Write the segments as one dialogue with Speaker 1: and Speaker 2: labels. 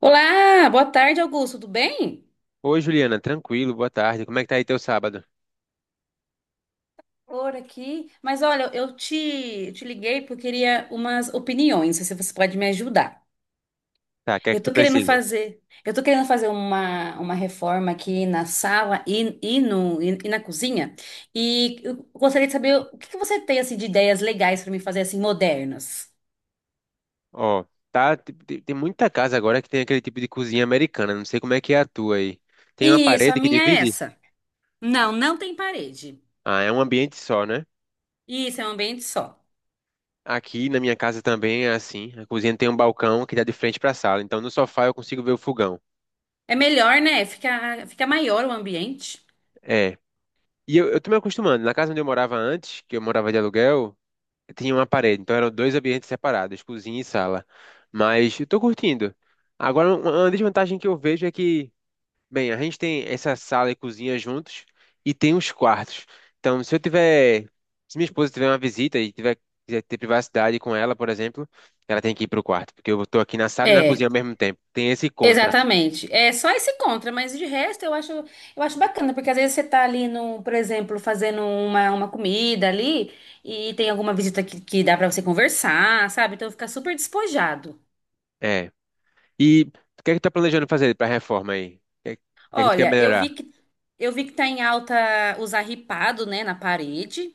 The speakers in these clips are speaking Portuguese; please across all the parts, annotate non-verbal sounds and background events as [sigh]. Speaker 1: Olá, boa tarde, Augusto, tudo bem?
Speaker 2: Oi, Juliana, tranquilo, boa tarde. Como é que tá aí teu sábado?
Speaker 1: Por aqui. Mas olha, eu te liguei porque eu queria umas opiniões, se você pode me ajudar.
Speaker 2: Tá, o que é que
Speaker 1: Eu
Speaker 2: tu
Speaker 1: tô querendo
Speaker 2: precisa?
Speaker 1: fazer, eu tô querendo fazer uma reforma aqui na sala e, no, e na cozinha. E eu gostaria de saber o que que você tem assim, de ideias legais para me fazer assim, modernas.
Speaker 2: Ó, tá, tem muita casa agora que tem aquele tipo de cozinha americana, não sei como é que é a tua aí. Tem uma
Speaker 1: Isso, a
Speaker 2: parede que
Speaker 1: minha é
Speaker 2: divide?
Speaker 1: essa. Não tem parede.
Speaker 2: Ah, é um ambiente só, né?
Speaker 1: Isso, é um ambiente só.
Speaker 2: Aqui na minha casa também é assim. A cozinha tem um balcão que dá de frente pra sala, então no sofá eu consigo ver o fogão.
Speaker 1: É melhor, né? Fica maior o ambiente.
Speaker 2: É. E eu tô me acostumando. Na casa onde eu morava antes, que eu morava de aluguel, tinha uma parede, então eram dois ambientes separados, cozinha e sala. Mas eu tô curtindo. Agora, uma desvantagem que eu vejo é que bem, a gente tem essa sala e cozinha juntos e tem os quartos. Então, se minha esposa tiver uma visita e tiver quiser ter privacidade com ela, por exemplo, ela tem que ir pro quarto, porque eu estou aqui na sala e na cozinha
Speaker 1: É.
Speaker 2: ao mesmo tempo. Tem esse contra.
Speaker 1: Exatamente. É só esse contra, mas de resto eu acho bacana, porque às vezes você tá ali no, por exemplo, fazendo uma comida ali e tem alguma visita que dá pra você conversar, sabe? Então fica super despojado.
Speaker 2: É. E o que é que tu tá planejando fazer para reforma aí? O que é que tu quer
Speaker 1: Olha, eu
Speaker 2: melhorar?
Speaker 1: vi que eu vi que tá em alta usar ripado, né, na parede.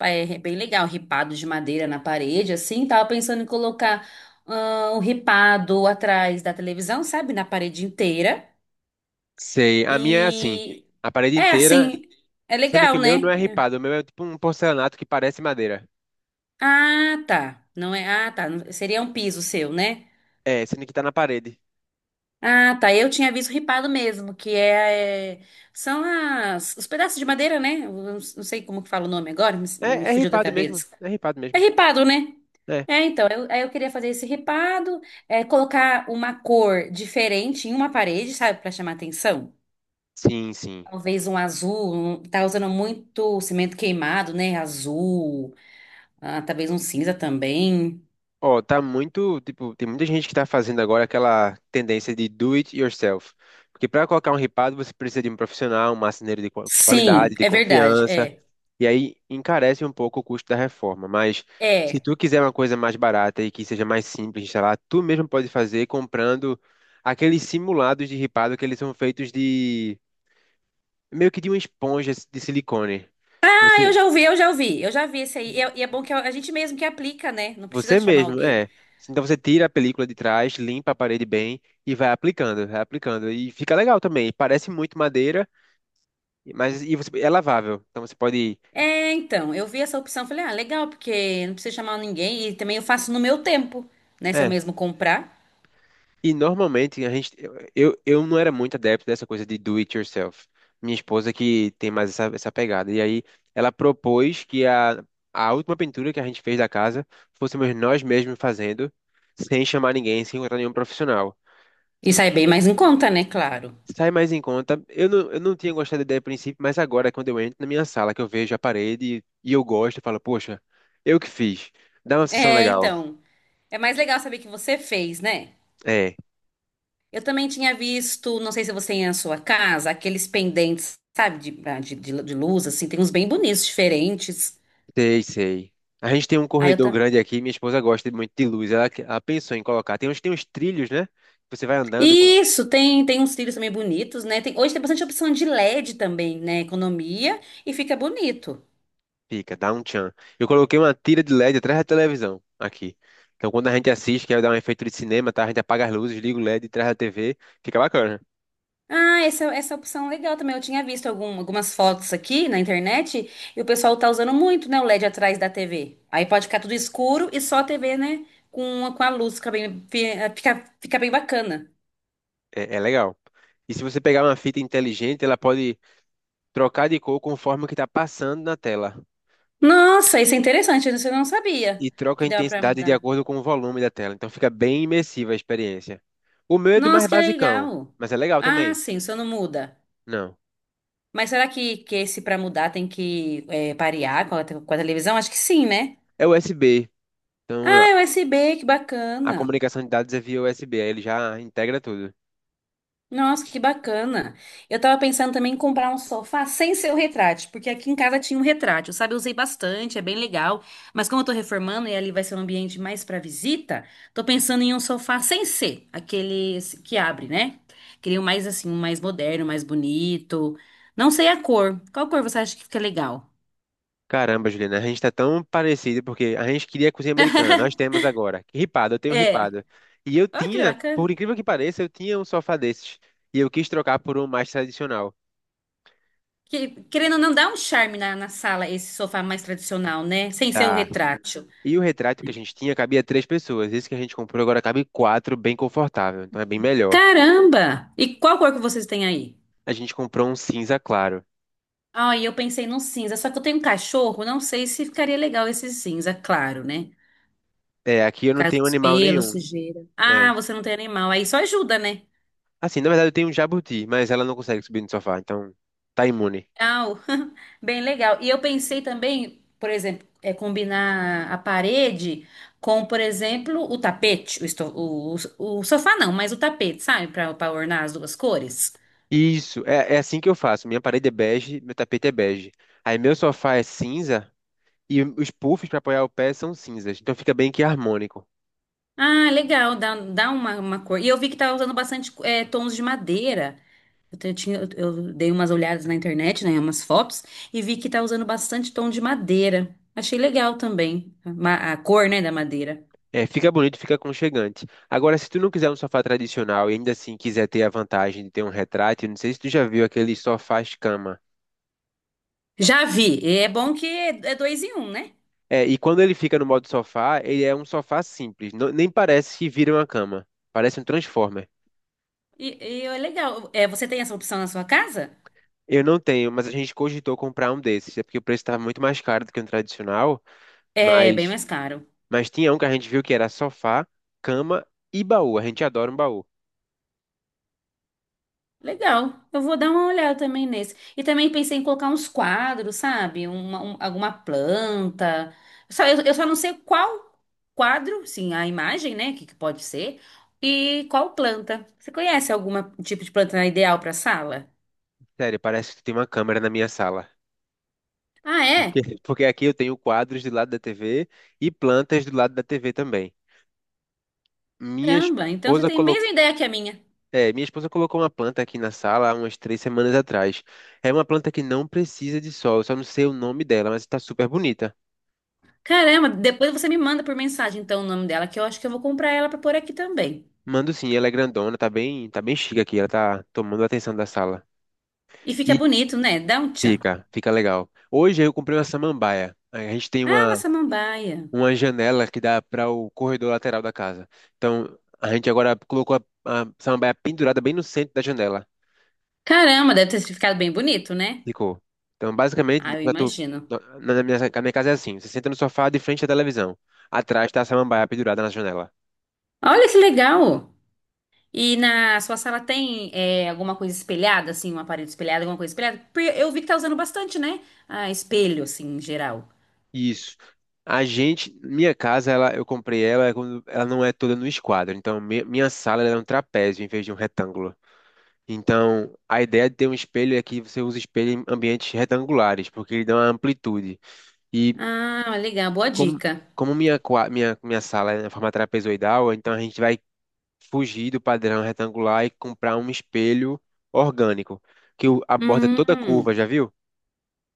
Speaker 1: É bem legal, ripado de madeira na parede, assim. Tava pensando em colocar o ripado atrás da televisão, sabe? Na parede inteira.
Speaker 2: Sei, a minha é assim,
Speaker 1: E
Speaker 2: a parede
Speaker 1: é
Speaker 2: inteira,
Speaker 1: assim, é
Speaker 2: sendo que
Speaker 1: legal,
Speaker 2: o meu não
Speaker 1: né?
Speaker 2: é ripado, o meu é tipo um porcelanato que parece madeira.
Speaker 1: Ah, tá. Não é? Ah, tá. Seria um piso seu, né?
Speaker 2: É, sendo que tá na parede.
Speaker 1: Ah, tá. Eu tinha visto ripado mesmo, são as os pedaços de madeira, né? Eu não sei como que fala o nome agora, me,
Speaker 2: É,
Speaker 1: me
Speaker 2: é
Speaker 1: fugiu da
Speaker 2: ripado mesmo,
Speaker 1: cabeça.
Speaker 2: é ripado
Speaker 1: É
Speaker 2: mesmo.
Speaker 1: ripado, né?
Speaker 2: É.
Speaker 1: É, então, aí eu queria fazer esse ripado, colocar uma cor diferente em uma parede, sabe, pra chamar atenção.
Speaker 2: Sim, sim.
Speaker 1: Talvez um azul, tá usando muito cimento queimado, né? Azul. Ah, talvez um cinza também.
Speaker 2: Ó, tá muito, tipo, tem muita gente que tá fazendo agora aquela tendência de do it yourself. Porque para colocar um ripado, você precisa de um profissional, um marceneiro de
Speaker 1: Sim,
Speaker 2: qualidade, de
Speaker 1: é verdade.
Speaker 2: confiança,
Speaker 1: É.
Speaker 2: e aí encarece um pouco o custo da reforma. Mas se
Speaker 1: É.
Speaker 2: tu quiser uma coisa mais barata e que seja mais simples de instalar, tu mesmo pode fazer comprando aqueles simulados de ripado que eles são feitos de meio que de uma esponja de silicone.
Speaker 1: Ah, eu já ouvi. Eu já vi esse aí. E é bom que é, a gente mesmo que aplica, né? Não precisa
Speaker 2: Você
Speaker 1: chamar
Speaker 2: mesmo,
Speaker 1: alguém.
Speaker 2: é. Então você tira a película de trás, limpa a parede bem e vai aplicando, vai aplicando. E fica legal também. Parece muito madeira, mas e você, é lavável. Então você pode.
Speaker 1: É, então, eu vi essa opção, falei, ah, legal, porque não precisa chamar ninguém e também eu faço no meu tempo, né? Se eu
Speaker 2: É.
Speaker 1: mesmo comprar.
Speaker 2: E normalmente a gente. Eu não era muito adepto dessa coisa de do it yourself. Minha esposa que tem mais essa pegada. E aí ela propôs que a última pintura que a gente fez da casa fôssemos nós mesmos fazendo, sem chamar ninguém, sem encontrar nenhum profissional.
Speaker 1: E sai bem mais em conta, né? Claro.
Speaker 2: Sai mais em conta. Eu não tinha gostado da ideia a princípio, mas agora, quando eu entro na minha sala, que eu vejo a parede e eu gosto, eu falo, poxa, eu que fiz. Dá uma sessão
Speaker 1: É,
Speaker 2: legal.
Speaker 1: então, é mais legal saber que você fez, né?
Speaker 2: É,
Speaker 1: Eu também tinha visto, não sei se você tem na sua casa, aqueles pendentes, sabe, de, ah, de luz, assim, tem uns bem bonitos, diferentes.
Speaker 2: sei, sei. A gente tem um
Speaker 1: Aí eu
Speaker 2: corredor
Speaker 1: também.
Speaker 2: grande aqui, minha esposa gosta muito de luz, ela pensou em colocar. Tem uns trilhos, né? Que você vai andando com.
Speaker 1: Isso, tem uns cílios também bonitos, né? Tem, hoje tem bastante opção de LED também, né? Economia e fica bonito.
Speaker 2: Fica, dá um tchan. Eu coloquei uma tira de LED atrás da televisão, aqui. Então, quando a gente assiste, quer dar um efeito de cinema, tá? A gente apaga as luzes, liga o LED atrás da TV, fica bacana.
Speaker 1: Ah, essa opção é legal também. Eu tinha visto algumas fotos aqui na internet e o pessoal tá usando muito, né? O LED atrás da TV. Aí pode ficar tudo escuro e só a TV, né? Com a luz, fica bem bacana.
Speaker 2: É legal. E se você pegar uma fita inteligente, ela pode trocar de cor conforme o que está passando na tela.
Speaker 1: Nossa, isso é interessante. Isso eu não sabia
Speaker 2: E troca
Speaker 1: que
Speaker 2: a
Speaker 1: dava pra
Speaker 2: intensidade de
Speaker 1: mudar.
Speaker 2: acordo com o volume da tela. Então fica bem imersiva a experiência. O meu é do mais
Speaker 1: Nossa, que
Speaker 2: basicão,
Speaker 1: legal.
Speaker 2: mas é legal
Speaker 1: Ah,
Speaker 2: também.
Speaker 1: sim, o não muda.
Speaker 2: Não.
Speaker 1: Mas será que esse para mudar tem que parear com com a televisão? Acho que sim, né?
Speaker 2: É USB.
Speaker 1: Ah,
Speaker 2: Então
Speaker 1: é USB que
Speaker 2: a
Speaker 1: bacana.
Speaker 2: comunicação de dados é via USB. Aí ele já integra tudo.
Speaker 1: Nossa, que bacana. Eu tava pensando também em comprar um sofá sem ser o retrátil, porque aqui em casa tinha um retrátil, sabe? Eu usei bastante, é bem legal. Mas como eu tô reformando e ali vai ser um ambiente mais para visita, tô pensando em um sofá sem ser, aquele que abre, né? Queria um mais assim, um mais moderno, mais bonito. Não sei a cor. Qual cor você acha que fica legal?
Speaker 2: Caramba, Juliana, a gente tá tão parecido porque a gente queria cozinha americana. Nós temos agora. Ripado, eu tenho
Speaker 1: É.
Speaker 2: ripado. E eu
Speaker 1: Olha que
Speaker 2: tinha,
Speaker 1: bacana.
Speaker 2: por incrível que pareça, eu tinha um sofá desses. E eu quis trocar por um mais tradicional.
Speaker 1: Que, querendo ou não, dá um charme na, na sala esse sofá mais tradicional, né? Sem ser o
Speaker 2: Dá.
Speaker 1: retrátil.
Speaker 2: E o retrato que a gente tinha cabia três pessoas. Esse que a gente comprou agora cabe quatro, bem confortável. Então é bem melhor.
Speaker 1: Caramba! E qual cor que vocês têm aí?
Speaker 2: A gente comprou um cinza claro.
Speaker 1: Ai, eu pensei num cinza, só que eu tenho um cachorro, não sei se ficaria legal esse cinza, claro, né?
Speaker 2: É, aqui eu
Speaker 1: Por
Speaker 2: não
Speaker 1: causa
Speaker 2: tenho
Speaker 1: dos
Speaker 2: animal
Speaker 1: pelos,
Speaker 2: nenhum.
Speaker 1: sujeira.
Speaker 2: É.
Speaker 1: Ah, você não tem animal, aí só ajuda, né?
Speaker 2: Assim, na verdade eu tenho um jabuti, mas ela não consegue subir no sofá, então tá imune.
Speaker 1: Ah, [laughs] bem legal. E eu pensei também, por exemplo, combinar a parede com, por exemplo, o tapete, o sofá não, mas o tapete, sabe? Para ornar as duas cores.
Speaker 2: Isso, é assim que eu faço. Minha parede é bege, meu tapete é bege. Aí meu sofá é cinza e os puffs para apoiar o pé são cinzas. Então fica bem que harmônico.
Speaker 1: Ah, legal, dá uma cor. E eu vi que tava usando bastante tons de madeira. Eu, te- eu tinha, eu dei umas olhadas na internet, né, umas fotos, e vi que tá usando bastante tom de madeira. Achei legal também, a cor, né, da madeira.
Speaker 2: É, fica bonito, fica aconchegante. Agora, se tu não quiser um sofá tradicional e ainda assim quiser ter a vantagem de ter um retrátil, não sei se tu já viu aquele sofá cama.
Speaker 1: Já vi, e é bom que é dois em um, né?
Speaker 2: É, e quando ele fica no modo sofá, ele é um sofá simples, nem parece que vira uma cama, parece um Transformer.
Speaker 1: E é legal. É, você tem essa opção na sua casa?
Speaker 2: Eu não tenho, mas a gente cogitou comprar um desses, é porque o preço estava muito mais caro do que um tradicional,
Speaker 1: É bem
Speaker 2: mas,
Speaker 1: mais caro.
Speaker 2: mas tinha um que a gente viu que era sofá, cama e baú. A gente adora um baú.
Speaker 1: Legal, eu vou dar uma olhada também nesse. E também pensei em colocar uns quadros, sabe? Alguma planta. Só, eu só não sei qual quadro, sim, a imagem, né? Que pode ser. E qual planta. Você conhece algum tipo de planta ideal para sala?
Speaker 2: Sério, parece que tem uma câmera na minha sala.
Speaker 1: Ah,
Speaker 2: Porque
Speaker 1: é?
Speaker 2: [laughs] porque aqui eu tenho quadros do lado da TV e plantas do lado da TV também. Minha
Speaker 1: Caramba, então você
Speaker 2: esposa
Speaker 1: tem a
Speaker 2: colocou,
Speaker 1: mesma ideia que a minha.
Speaker 2: minha esposa colocou uma planta aqui na sala há umas 3 semanas atrás. É uma planta que não precisa de sol, eu só não sei o nome dela, mas está super bonita.
Speaker 1: Caramba, depois você me manda por mensagem, então, o nome dela, que eu acho que eu vou comprar ela para pôr aqui também.
Speaker 2: Mando sim, ela é grandona, tá bem chique aqui, ela tá tomando a atenção da sala.
Speaker 1: E fica
Speaker 2: E
Speaker 1: bonito, né? Dá um tchan.
Speaker 2: fica legal. Hoje eu comprei uma samambaia. A gente tem
Speaker 1: Ah, uma
Speaker 2: uma
Speaker 1: samambaia.
Speaker 2: uma janela que dá para o corredor lateral da casa. Então, a gente agora colocou a samambaia pendurada bem no centro da janela.
Speaker 1: Caramba, deve ter ficado bem bonito, né?
Speaker 2: Ficou. Então, basicamente,
Speaker 1: Ah, eu
Speaker 2: pra tu-
Speaker 1: imagino.
Speaker 2: na na minha casa é assim: você senta no sofá de frente à televisão. Atrás está a samambaia pendurada na janela.
Speaker 1: Olha que legal! E na sua sala tem alguma coisa espelhada, assim, um aparelho espelhado, alguma coisa espelhada? Porque eu vi que tá usando bastante, né? Ah, espelho, assim, em geral.
Speaker 2: Isso. A gente, minha casa, ela, eu comprei ela quando ela não é toda no esquadro. Então, minha sala ela é um trapézio em vez de um retângulo. Então, a ideia de ter um espelho é que você usa espelho em ambientes retangulares, porque ele dá uma amplitude. E
Speaker 1: Ah, legal, boa
Speaker 2: Como,
Speaker 1: dica.
Speaker 2: como minha, qua- minha sala é na forma trapezoidal, então a gente vai fugir do padrão retangular e comprar um espelho orgânico, que a borda é toda curva,
Speaker 1: Hum,
Speaker 2: já viu?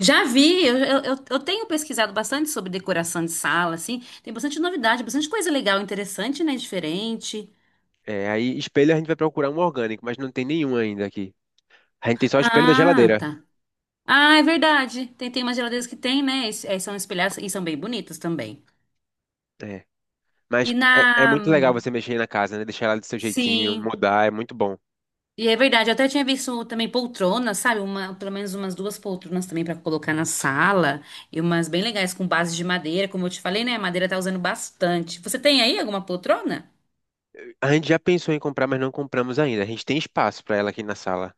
Speaker 1: já vi, eu tenho pesquisado bastante sobre decoração de sala, assim. Tem bastante novidade, bastante coisa legal, interessante, né? Diferente.
Speaker 2: É, aí espelho a gente vai procurar um orgânico, mas não tem nenhum ainda aqui. A gente tem só espelho da
Speaker 1: Ah,
Speaker 2: geladeira.
Speaker 1: tá. Ah, é verdade. Tem umas geladeiras que tem, né? E são espelhadas e são bem bonitas também.
Speaker 2: É. Mas
Speaker 1: E na.
Speaker 2: é muito legal você mexer na casa, né? Deixar ela do seu jeitinho,
Speaker 1: Sim.
Speaker 2: mudar, é muito bom.
Speaker 1: E é verdade, eu até tinha visto também poltronas, sabe? Uma, pelo menos umas duas poltronas também pra colocar na sala. E umas bem legais com base de madeira, como eu te falei, né? A madeira tá usando bastante. Você tem aí alguma poltrona?
Speaker 2: A gente já pensou em comprar, mas não compramos ainda. A gente tem espaço para ela aqui na sala.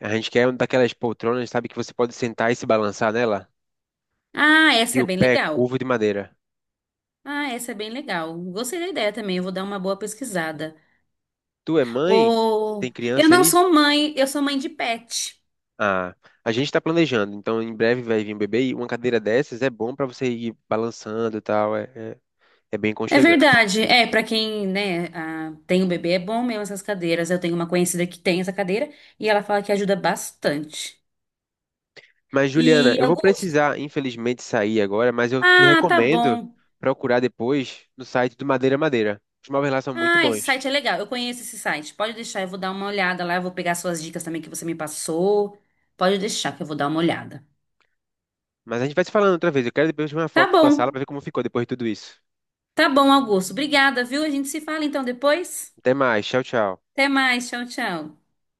Speaker 2: A gente quer uma daquelas poltronas, sabe, que você pode sentar e se balançar nela?
Speaker 1: Ah,
Speaker 2: E
Speaker 1: essa é
Speaker 2: o
Speaker 1: bem
Speaker 2: pé é
Speaker 1: legal.
Speaker 2: curvo de madeira.
Speaker 1: Ah, essa é bem legal. Gostei da ideia também, eu vou dar uma boa pesquisada.
Speaker 2: Tu é mãe? Tem
Speaker 1: Ou eu
Speaker 2: criança
Speaker 1: não
Speaker 2: aí?
Speaker 1: sou mãe, eu sou mãe de pet.
Speaker 2: Ah, a gente está planejando, então em breve vai vir um bebê e uma cadeira dessas é bom para você ir balançando e tal, é bem
Speaker 1: É
Speaker 2: aconchegante.
Speaker 1: verdade. É, pra quem, né, ah, tem um bebê é bom mesmo essas cadeiras. Eu tenho uma conhecida que tem essa cadeira e ela fala que ajuda bastante.
Speaker 2: Mas,
Speaker 1: E
Speaker 2: Juliana, eu vou
Speaker 1: Augusto,
Speaker 2: precisar, infelizmente, sair agora, mas eu te
Speaker 1: ah, tá
Speaker 2: recomendo
Speaker 1: bom.
Speaker 2: procurar depois no site do Madeira Madeira. Os móveis lá são muito
Speaker 1: Ah, esse
Speaker 2: bons.
Speaker 1: site é legal. Eu conheço esse site. Pode deixar, eu vou dar uma olhada lá. Eu vou pegar suas dicas também que você me passou. Pode deixar que eu vou dar uma olhada.
Speaker 2: Mas a gente vai se falando outra vez. Eu quero depois ver uma
Speaker 1: Tá
Speaker 2: foto da tua sala
Speaker 1: bom.
Speaker 2: para ver como ficou depois de tudo isso.
Speaker 1: Tá bom, Augusto. Obrigada, viu? A gente se fala então depois.
Speaker 2: Até mais, tchau, tchau.
Speaker 1: Até mais. Tchau, tchau.